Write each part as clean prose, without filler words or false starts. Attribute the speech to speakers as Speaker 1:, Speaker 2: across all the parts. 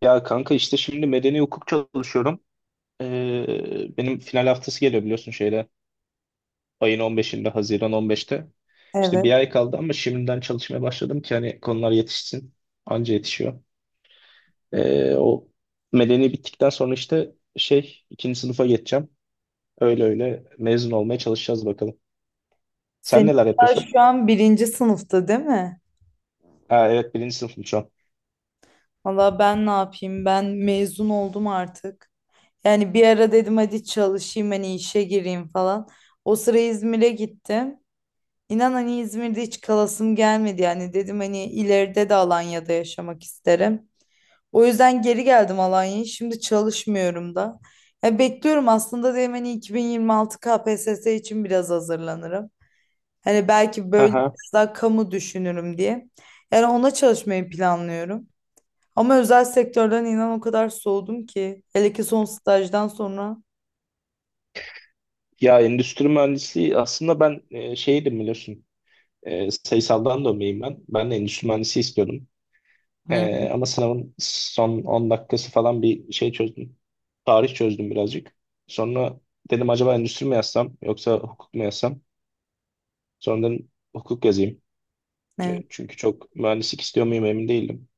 Speaker 1: Ya kanka işte şimdi medeni hukuk çalışıyorum. Benim final haftası geliyor biliyorsun şeyde. Ayın 15'inde, Haziran 15'te. İşte
Speaker 2: Evet.
Speaker 1: bir ay kaldı ama şimdiden çalışmaya başladım ki hani konular yetişsin. Anca yetişiyor. O medeni bittikten sonra işte şey ikinci sınıfa geçeceğim. Öyle öyle mezun olmaya çalışacağız bakalım. Sen
Speaker 2: Senin
Speaker 1: neler
Speaker 2: daha
Speaker 1: yapıyorsun?
Speaker 2: şu an birinci sınıfta değil mi?
Speaker 1: Ha, evet birinci sınıfım şu an.
Speaker 2: Valla ben ne yapayım? Ben mezun oldum artık. Yani bir ara dedim hadi çalışayım hani işe gireyim falan. O sıra İzmir'e gittim. İnan hani İzmir'de hiç kalasım gelmedi yani. Dedim hani ileride de Alanya'da yaşamak isterim. O yüzden geri geldim Alanya'ya. Şimdi çalışmıyorum da. Ya bekliyorum aslında dedim hani 2026 KPSS için biraz hazırlanırım. Hani belki böyle
Speaker 1: Aha.
Speaker 2: biraz daha kamu düşünürüm diye. Yani ona çalışmayı planlıyorum. Ama özel sektörden inan o kadar soğudum ki. Hele ki son stajdan sonra.
Speaker 1: Ya endüstri mühendisliği aslında ben şeydim biliyorsun. Sayısaldan dönmeyim ben. Ben de endüstri mühendisi istiyordum.
Speaker 2: Hı.
Speaker 1: Ama sınavın son 10 dakikası falan bir şey çözdüm. Tarih çözdüm birazcık. Sonra dedim acaba endüstri mi yazsam yoksa hukuk mu yazsam? Sonra dedim hukuk yazayım.
Speaker 2: Evet.
Speaker 1: Çünkü çok mühendislik istiyor muyum emin değilim.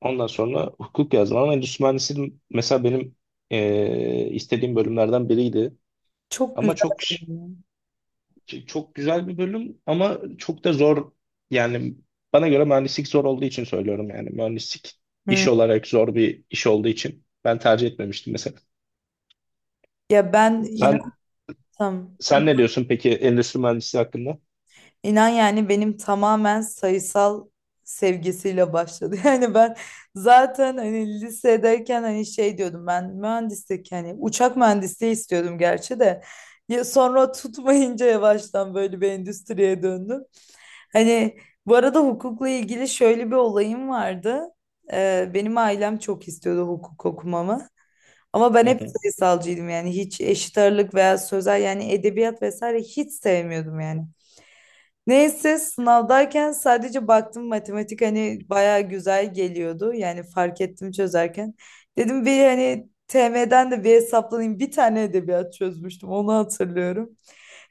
Speaker 1: Ondan sonra hukuk yazdım ama endüstri mühendisliği mesela benim istediğim bölümlerden biriydi.
Speaker 2: Çok
Speaker 1: Ama
Speaker 2: güzel. Bölüm.
Speaker 1: Çok güzel bir bölüm ama çok da zor. Yani bana göre mühendislik zor olduğu için söylüyorum yani. Mühendislik
Speaker 2: Ya. Hı.
Speaker 1: iş olarak zor bir iş olduğu için ben tercih etmemiştim mesela.
Speaker 2: Ya ben
Speaker 1: Sen sen ne
Speaker 2: inansam
Speaker 1: diyorsun peki endüstri mühendisliği hakkında?
Speaker 2: İnan yani benim tamamen sayısal sevgisiyle başladı. Yani ben zaten hani lisedeyken hani şey diyordum ben mühendislik hani uçak mühendisliği istiyordum gerçi de ya sonra tutmayınca yavaştan böyle bir endüstriye döndüm. Hani bu arada hukukla ilgili şöyle bir olayım vardı. Benim ailem çok istiyordu hukuk okumamı. Ama ben
Speaker 1: Hı
Speaker 2: hep
Speaker 1: hı.
Speaker 2: sayısalcıydım yani hiç eşit ağırlık veya sözel yani edebiyat vesaire hiç sevmiyordum yani. Neyse sınavdayken sadece baktım matematik hani baya güzel geliyordu. Yani fark ettim çözerken. Dedim bir hani TM'den de bir hesaplanayım. Bir tane edebiyat çözmüştüm onu hatırlıyorum.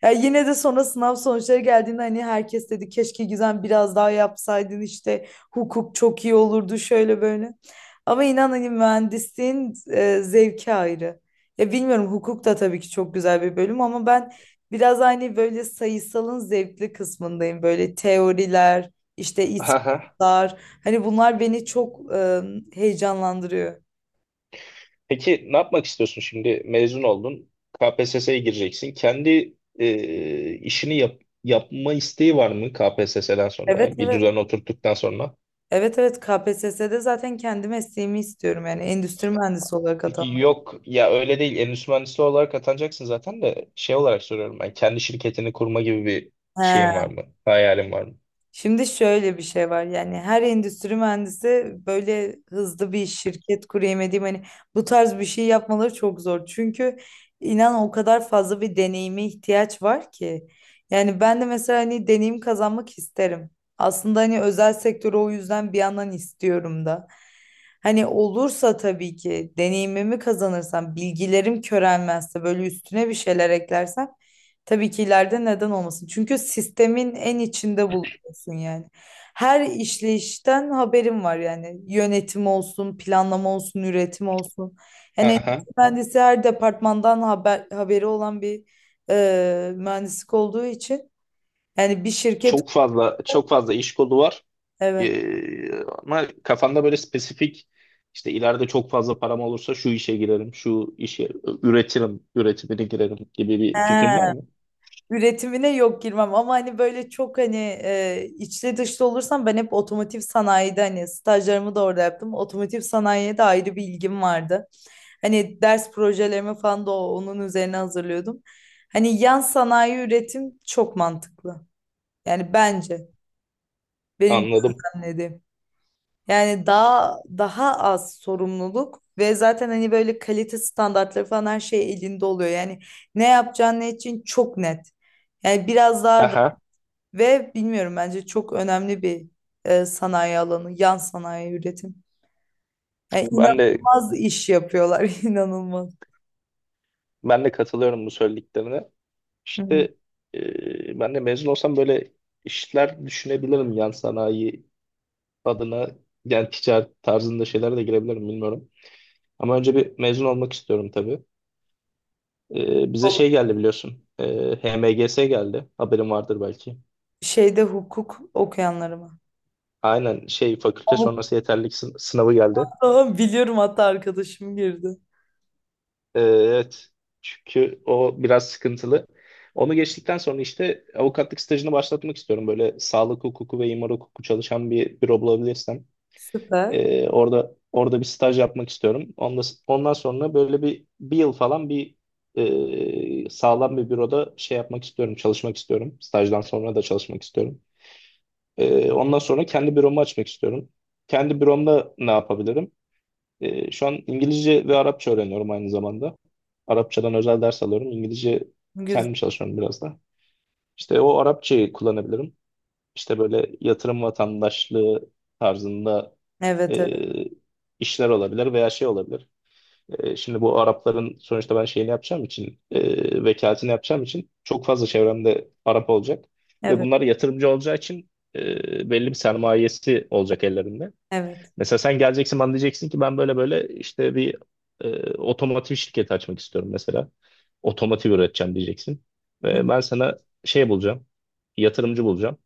Speaker 2: Ya yine de sonra sınav sonuçları geldiğinde hani herkes dedi keşke Gizem biraz daha yapsaydın işte hukuk çok iyi olurdu şöyle böyle. Ama inan hani mühendisliğin zevki ayrı. Ya bilmiyorum hukuk da tabii ki çok güzel bir bölüm ama ben biraz hani böyle sayısalın zevkli kısmındayım. Böyle teoriler, işte
Speaker 1: Aha.
Speaker 2: ispatlar hani bunlar beni çok heyecanlandırıyor.
Speaker 1: Peki ne yapmak istiyorsun şimdi? Mezun oldun, KPSS'ye gireceksin. Kendi işini yap, yapma isteği var mı KPSS'den sonra?
Speaker 2: Evet
Speaker 1: Yani bir
Speaker 2: evet.
Speaker 1: düzen oturttuktan sonra.
Speaker 2: Evet, evet, KPSS'de zaten kendi mesleğimi istiyorum yani endüstri mühendisi olarak atandım.
Speaker 1: Yok ya öyle değil. Endüstri mühendisi olarak atanacaksın zaten de şey olarak soruyorum ben. Kendi şirketini kurma gibi bir
Speaker 2: He.
Speaker 1: şeyin var mı? Hayalin var mı?
Speaker 2: Şimdi şöyle bir şey var yani her endüstri mühendisi böyle hızlı bir şirket kurayım edeyim, hani bu tarz bir şey yapmaları çok zor. Çünkü inan o kadar fazla bir deneyime ihtiyaç var ki. Yani ben de mesela hani deneyim kazanmak isterim. Aslında hani özel sektörü o yüzden bir yandan istiyorum da. Hani olursa tabii ki deneyimimi kazanırsam, bilgilerim körelmezse, böyle üstüne bir şeyler eklersem tabii ki ileride neden olmasın. Çünkü sistemin en içinde olsun yani. Her işleyişten haberim var yani. Yönetim olsun, planlama olsun, üretim olsun. Yani
Speaker 1: Aha.
Speaker 2: endüstri mühendisi her departmandan haberi olan bir mühendislik olduğu için yani bir şirket.
Speaker 1: Çok fazla çok fazla iş kolu var.
Speaker 2: Evet.
Speaker 1: Ama kafanda böyle spesifik işte ileride çok fazla param olursa şu işe girerim, şu işe üretirim, üretimine girerim gibi bir
Speaker 2: He.
Speaker 1: fikrin var mı?
Speaker 2: Üretimine yok girmem ama hani böyle çok hani içli dışlı olursam ben hep otomotiv sanayide hani stajlarımı da orada yaptım. Otomotiv sanayiye de ayrı bir ilgim vardı. Hani ders projelerimi falan da onun üzerine hazırlıyordum. Hani yan sanayi üretim çok mantıklı. Yani bence benim
Speaker 1: Anladım.
Speaker 2: gözlemlediğim. Yani daha daha az sorumluluk ve zaten hani böyle kalite standartları falan her şey elinde oluyor. Yani ne yapacağın ne için çok net. Yani biraz daha
Speaker 1: Aha.
Speaker 2: ve bilmiyorum bence çok önemli bir sanayi alanı, yan sanayi üretim. Yani
Speaker 1: Ben de
Speaker 2: inanılmaz iş yapıyorlar, inanılmaz.
Speaker 1: ben de katılıyorum bu söylediklerine. İşte
Speaker 2: Hı.
Speaker 1: ben de mezun olsam böyle işler düşünebilirim yan sanayi adına yani ticaret tarzında şeylere de girebilirim bilmiyorum. Ama önce bir mezun olmak istiyorum tabii. Bize şey geldi biliyorsun. HMGS geldi. Haberin vardır belki.
Speaker 2: Şeyde hukuk okuyanları mı?
Speaker 1: Aynen şey fakülte sonrası yeterlilik sınavı geldi.
Speaker 2: Avukata biliyorum hatta arkadaşım girdi.
Speaker 1: Evet. Çünkü o biraz sıkıntılı. Onu geçtikten sonra işte avukatlık stajını başlatmak istiyorum. Böyle sağlık hukuku ve imar hukuku çalışan bir büro bulabilirsem.
Speaker 2: Süper.
Speaker 1: Orada bir staj yapmak istiyorum. Ondan sonra böyle bir yıl falan bir sağlam bir büroda şey yapmak istiyorum, çalışmak istiyorum. Stajdan sonra da çalışmak istiyorum. Ondan sonra kendi büromu açmak istiyorum. Kendi büromda ne yapabilirim? Şu an İngilizce ve Arapça öğreniyorum aynı zamanda. Arapçadan özel ders alıyorum. İngilizce
Speaker 2: Güzel.
Speaker 1: kendim çalışıyorum biraz da. İşte o Arapçayı kullanabilirim. İşte böyle yatırım vatandaşlığı tarzında e,
Speaker 2: Evet evet.
Speaker 1: işler olabilir veya şey olabilir. Şimdi bu Arapların sonuçta ben şeyini yapacağım için vekaletini yapacağım için çok fazla çevremde Arap olacak ve
Speaker 2: Evet.
Speaker 1: bunlar yatırımcı olacağı için belli bir sermayesi olacak ellerinde.
Speaker 2: Evet.
Speaker 1: Mesela sen geleceksin bana diyeceksin ki ben böyle böyle işte bir otomotiv şirketi açmak istiyorum mesela. Otomotiv üreteceğim diyeceksin.
Speaker 2: Hı,
Speaker 1: Ve ben sana şey bulacağım. Yatırımcı bulacağım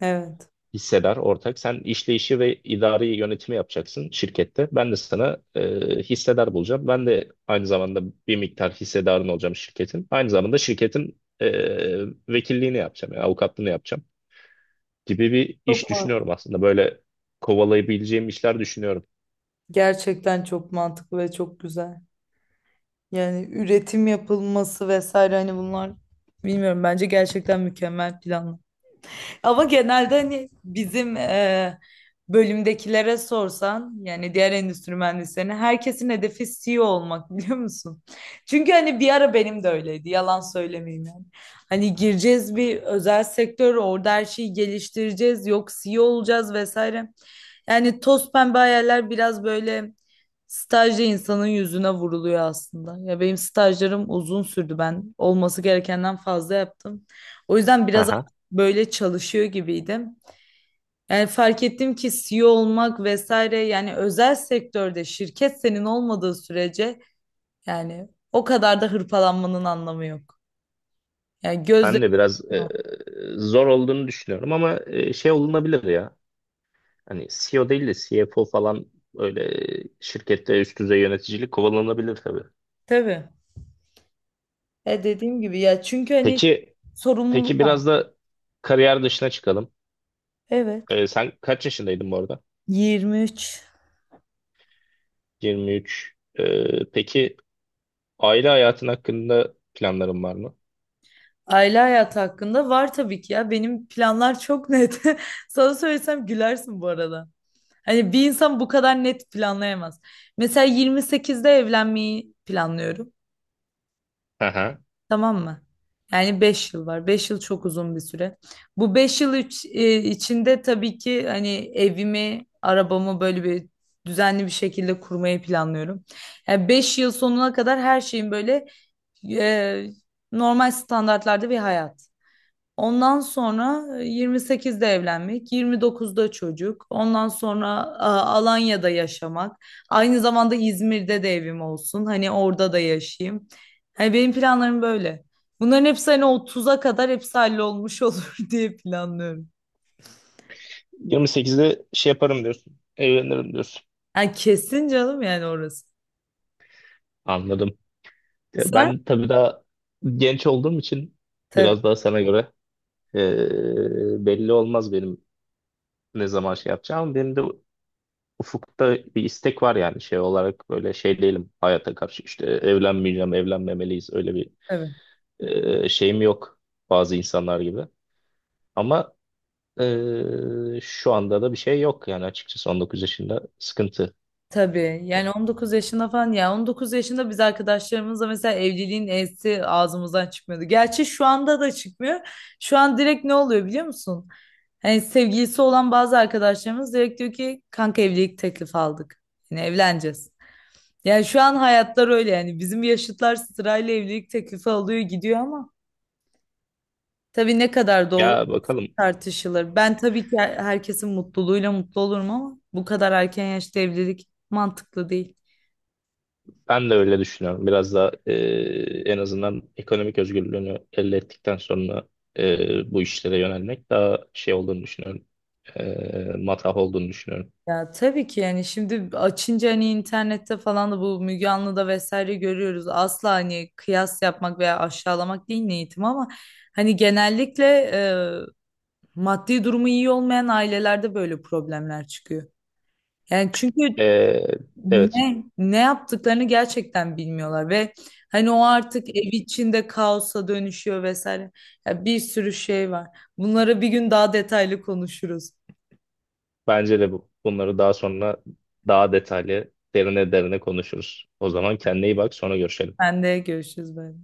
Speaker 2: evet.
Speaker 1: hissedar ortak. Sen işleyişi ve idari yönetimi yapacaksın şirkette. Ben de sana hissedar bulacağım. Ben de aynı zamanda bir miktar hissedarın olacağım şirketin. Aynı zamanda şirketin vekilliğini yapacağım, yani avukatlığını yapacağım gibi bir
Speaker 2: Çok
Speaker 1: iş
Speaker 2: mantıklı.
Speaker 1: düşünüyorum aslında. Böyle kovalayabileceğim işler düşünüyorum.
Speaker 2: Gerçekten çok mantıklı ve çok güzel. Yani üretim yapılması vesaire hani bunlar bilmiyorum bence gerçekten mükemmel planlar. Ama genelde hani bizim bölümdekilere sorsan yani diğer endüstri mühendislerine herkesin hedefi CEO olmak biliyor musun? Çünkü hani bir ara benim de öyleydi yalan söylemeyeyim yani. Hani gireceğiz bir özel sektör orada her şeyi geliştireceğiz yok CEO olacağız vesaire. Yani toz pembe hayaller biraz böyle stajda insanın yüzüne vuruluyor aslında. Ya benim stajlarım uzun sürdü ben olması gerekenden fazla yaptım. O yüzden biraz
Speaker 1: Aha.
Speaker 2: böyle çalışıyor gibiydim. Yani fark ettim ki CEO olmak vesaire yani özel sektörde şirket senin olmadığı sürece yani o kadar da hırpalanmanın anlamı yok. Yani gözle
Speaker 1: Ben de biraz zor olduğunu düşünüyorum ama şey olunabilir ya. Hani CEO değil de CFO falan öyle şirkette üst düzey yöneticilik kovalanabilir tabii.
Speaker 2: tabii. E dediğim gibi ya çünkü hani
Speaker 1: Peki peki
Speaker 2: sorumluluk var.
Speaker 1: biraz da kariyer dışına çıkalım.
Speaker 2: Evet.
Speaker 1: Sen kaç yaşındaydın bu arada?
Speaker 2: 23.
Speaker 1: 23. Peki aile hayatın hakkında planların var mı?
Speaker 2: Aile hayatı hakkında var tabii ki ya benim planlar çok net. Sana söylesem gülersin bu arada. Hani bir insan bu kadar net planlayamaz. Mesela 28'de evlenmeyi planlıyorum.
Speaker 1: Aha.
Speaker 2: Tamam mı? Yani 5 yıl var. 5 yıl çok uzun bir süre. Bu 5 yıl içinde tabii ki hani evimi, arabamı böyle bir düzenli bir şekilde kurmayı planlıyorum. Yani 5 yıl sonuna kadar her şeyin böyle e, normal standartlarda bir hayat. Ondan sonra 28'de evlenmek, 29'da çocuk. Ondan sonra Alanya'da yaşamak. Aynı zamanda İzmir'de de evim olsun. Hani orada da yaşayayım. Hani benim planlarım böyle. Bunların hepsi hani 30'a kadar hepsi hallolmuş olur diye planlıyorum.
Speaker 1: 28'de şey yaparım diyorsun. Evlenirim diyorsun.
Speaker 2: Yani kesin canım yani orası.
Speaker 1: Anladım. Ya
Speaker 2: Sen?
Speaker 1: ben tabii daha genç olduğum için
Speaker 2: Tabii
Speaker 1: biraz daha sana göre belli olmaz benim ne zaman şey yapacağım. Benim de ufukta bir istek var yani şey olarak böyle şey değilim hayata karşı işte evlenmeyeceğim, evlenmemeliyiz öyle bir
Speaker 2: tabii.
Speaker 1: şeyim yok bazı insanlar gibi. Ama şu anda da bir şey yok yani açıkçası 19 yaşında sıkıntı.
Speaker 2: Tabii yani 19 yaşında falan ya 19 yaşında biz arkadaşlarımızla mesela evliliğin E'si ağzımızdan çıkmıyordu. Gerçi şu anda da çıkmıyor. Şu an direkt ne oluyor biliyor musun? Hani sevgilisi olan bazı arkadaşlarımız direkt diyor ki kanka evlilik teklifi aldık. Yani evleneceğiz. Yani şu an hayatlar öyle yani bizim yaşıtlar sırayla evlilik teklifi alıyor gidiyor ama tabii ne kadar doğru
Speaker 1: Ya bakalım.
Speaker 2: tartışılır. Ben tabii ki herkesin mutluluğuyla mutlu olurum ama bu kadar erken yaşta evlilik mantıklı değil.
Speaker 1: Ben de öyle düşünüyorum. Biraz da en azından ekonomik özgürlüğünü elde ettikten sonra bu işlere yönelmek daha şey olduğunu düşünüyorum. Matah olduğunu düşünüyorum.
Speaker 2: Ya tabii ki yani şimdi açınca hani internette falan da bu Müge Anlı'da vesaire görüyoruz. Asla hani kıyas yapmak veya aşağılamak değil niyetim ama hani genellikle e, maddi durumu iyi olmayan ailelerde böyle problemler çıkıyor. Yani çünkü
Speaker 1: E, evet,
Speaker 2: ne yaptıklarını gerçekten bilmiyorlar ve hani o artık ev içinde kaosa dönüşüyor vesaire. Ya bir sürü şey var. Bunlara bir gün daha detaylı konuşuruz.
Speaker 1: bence de bu. Bunları daha sonra daha detaylı, derine derine konuşuruz. O zaman kendine iyi bak, sonra görüşelim.
Speaker 2: Ben de görüşürüz böyle.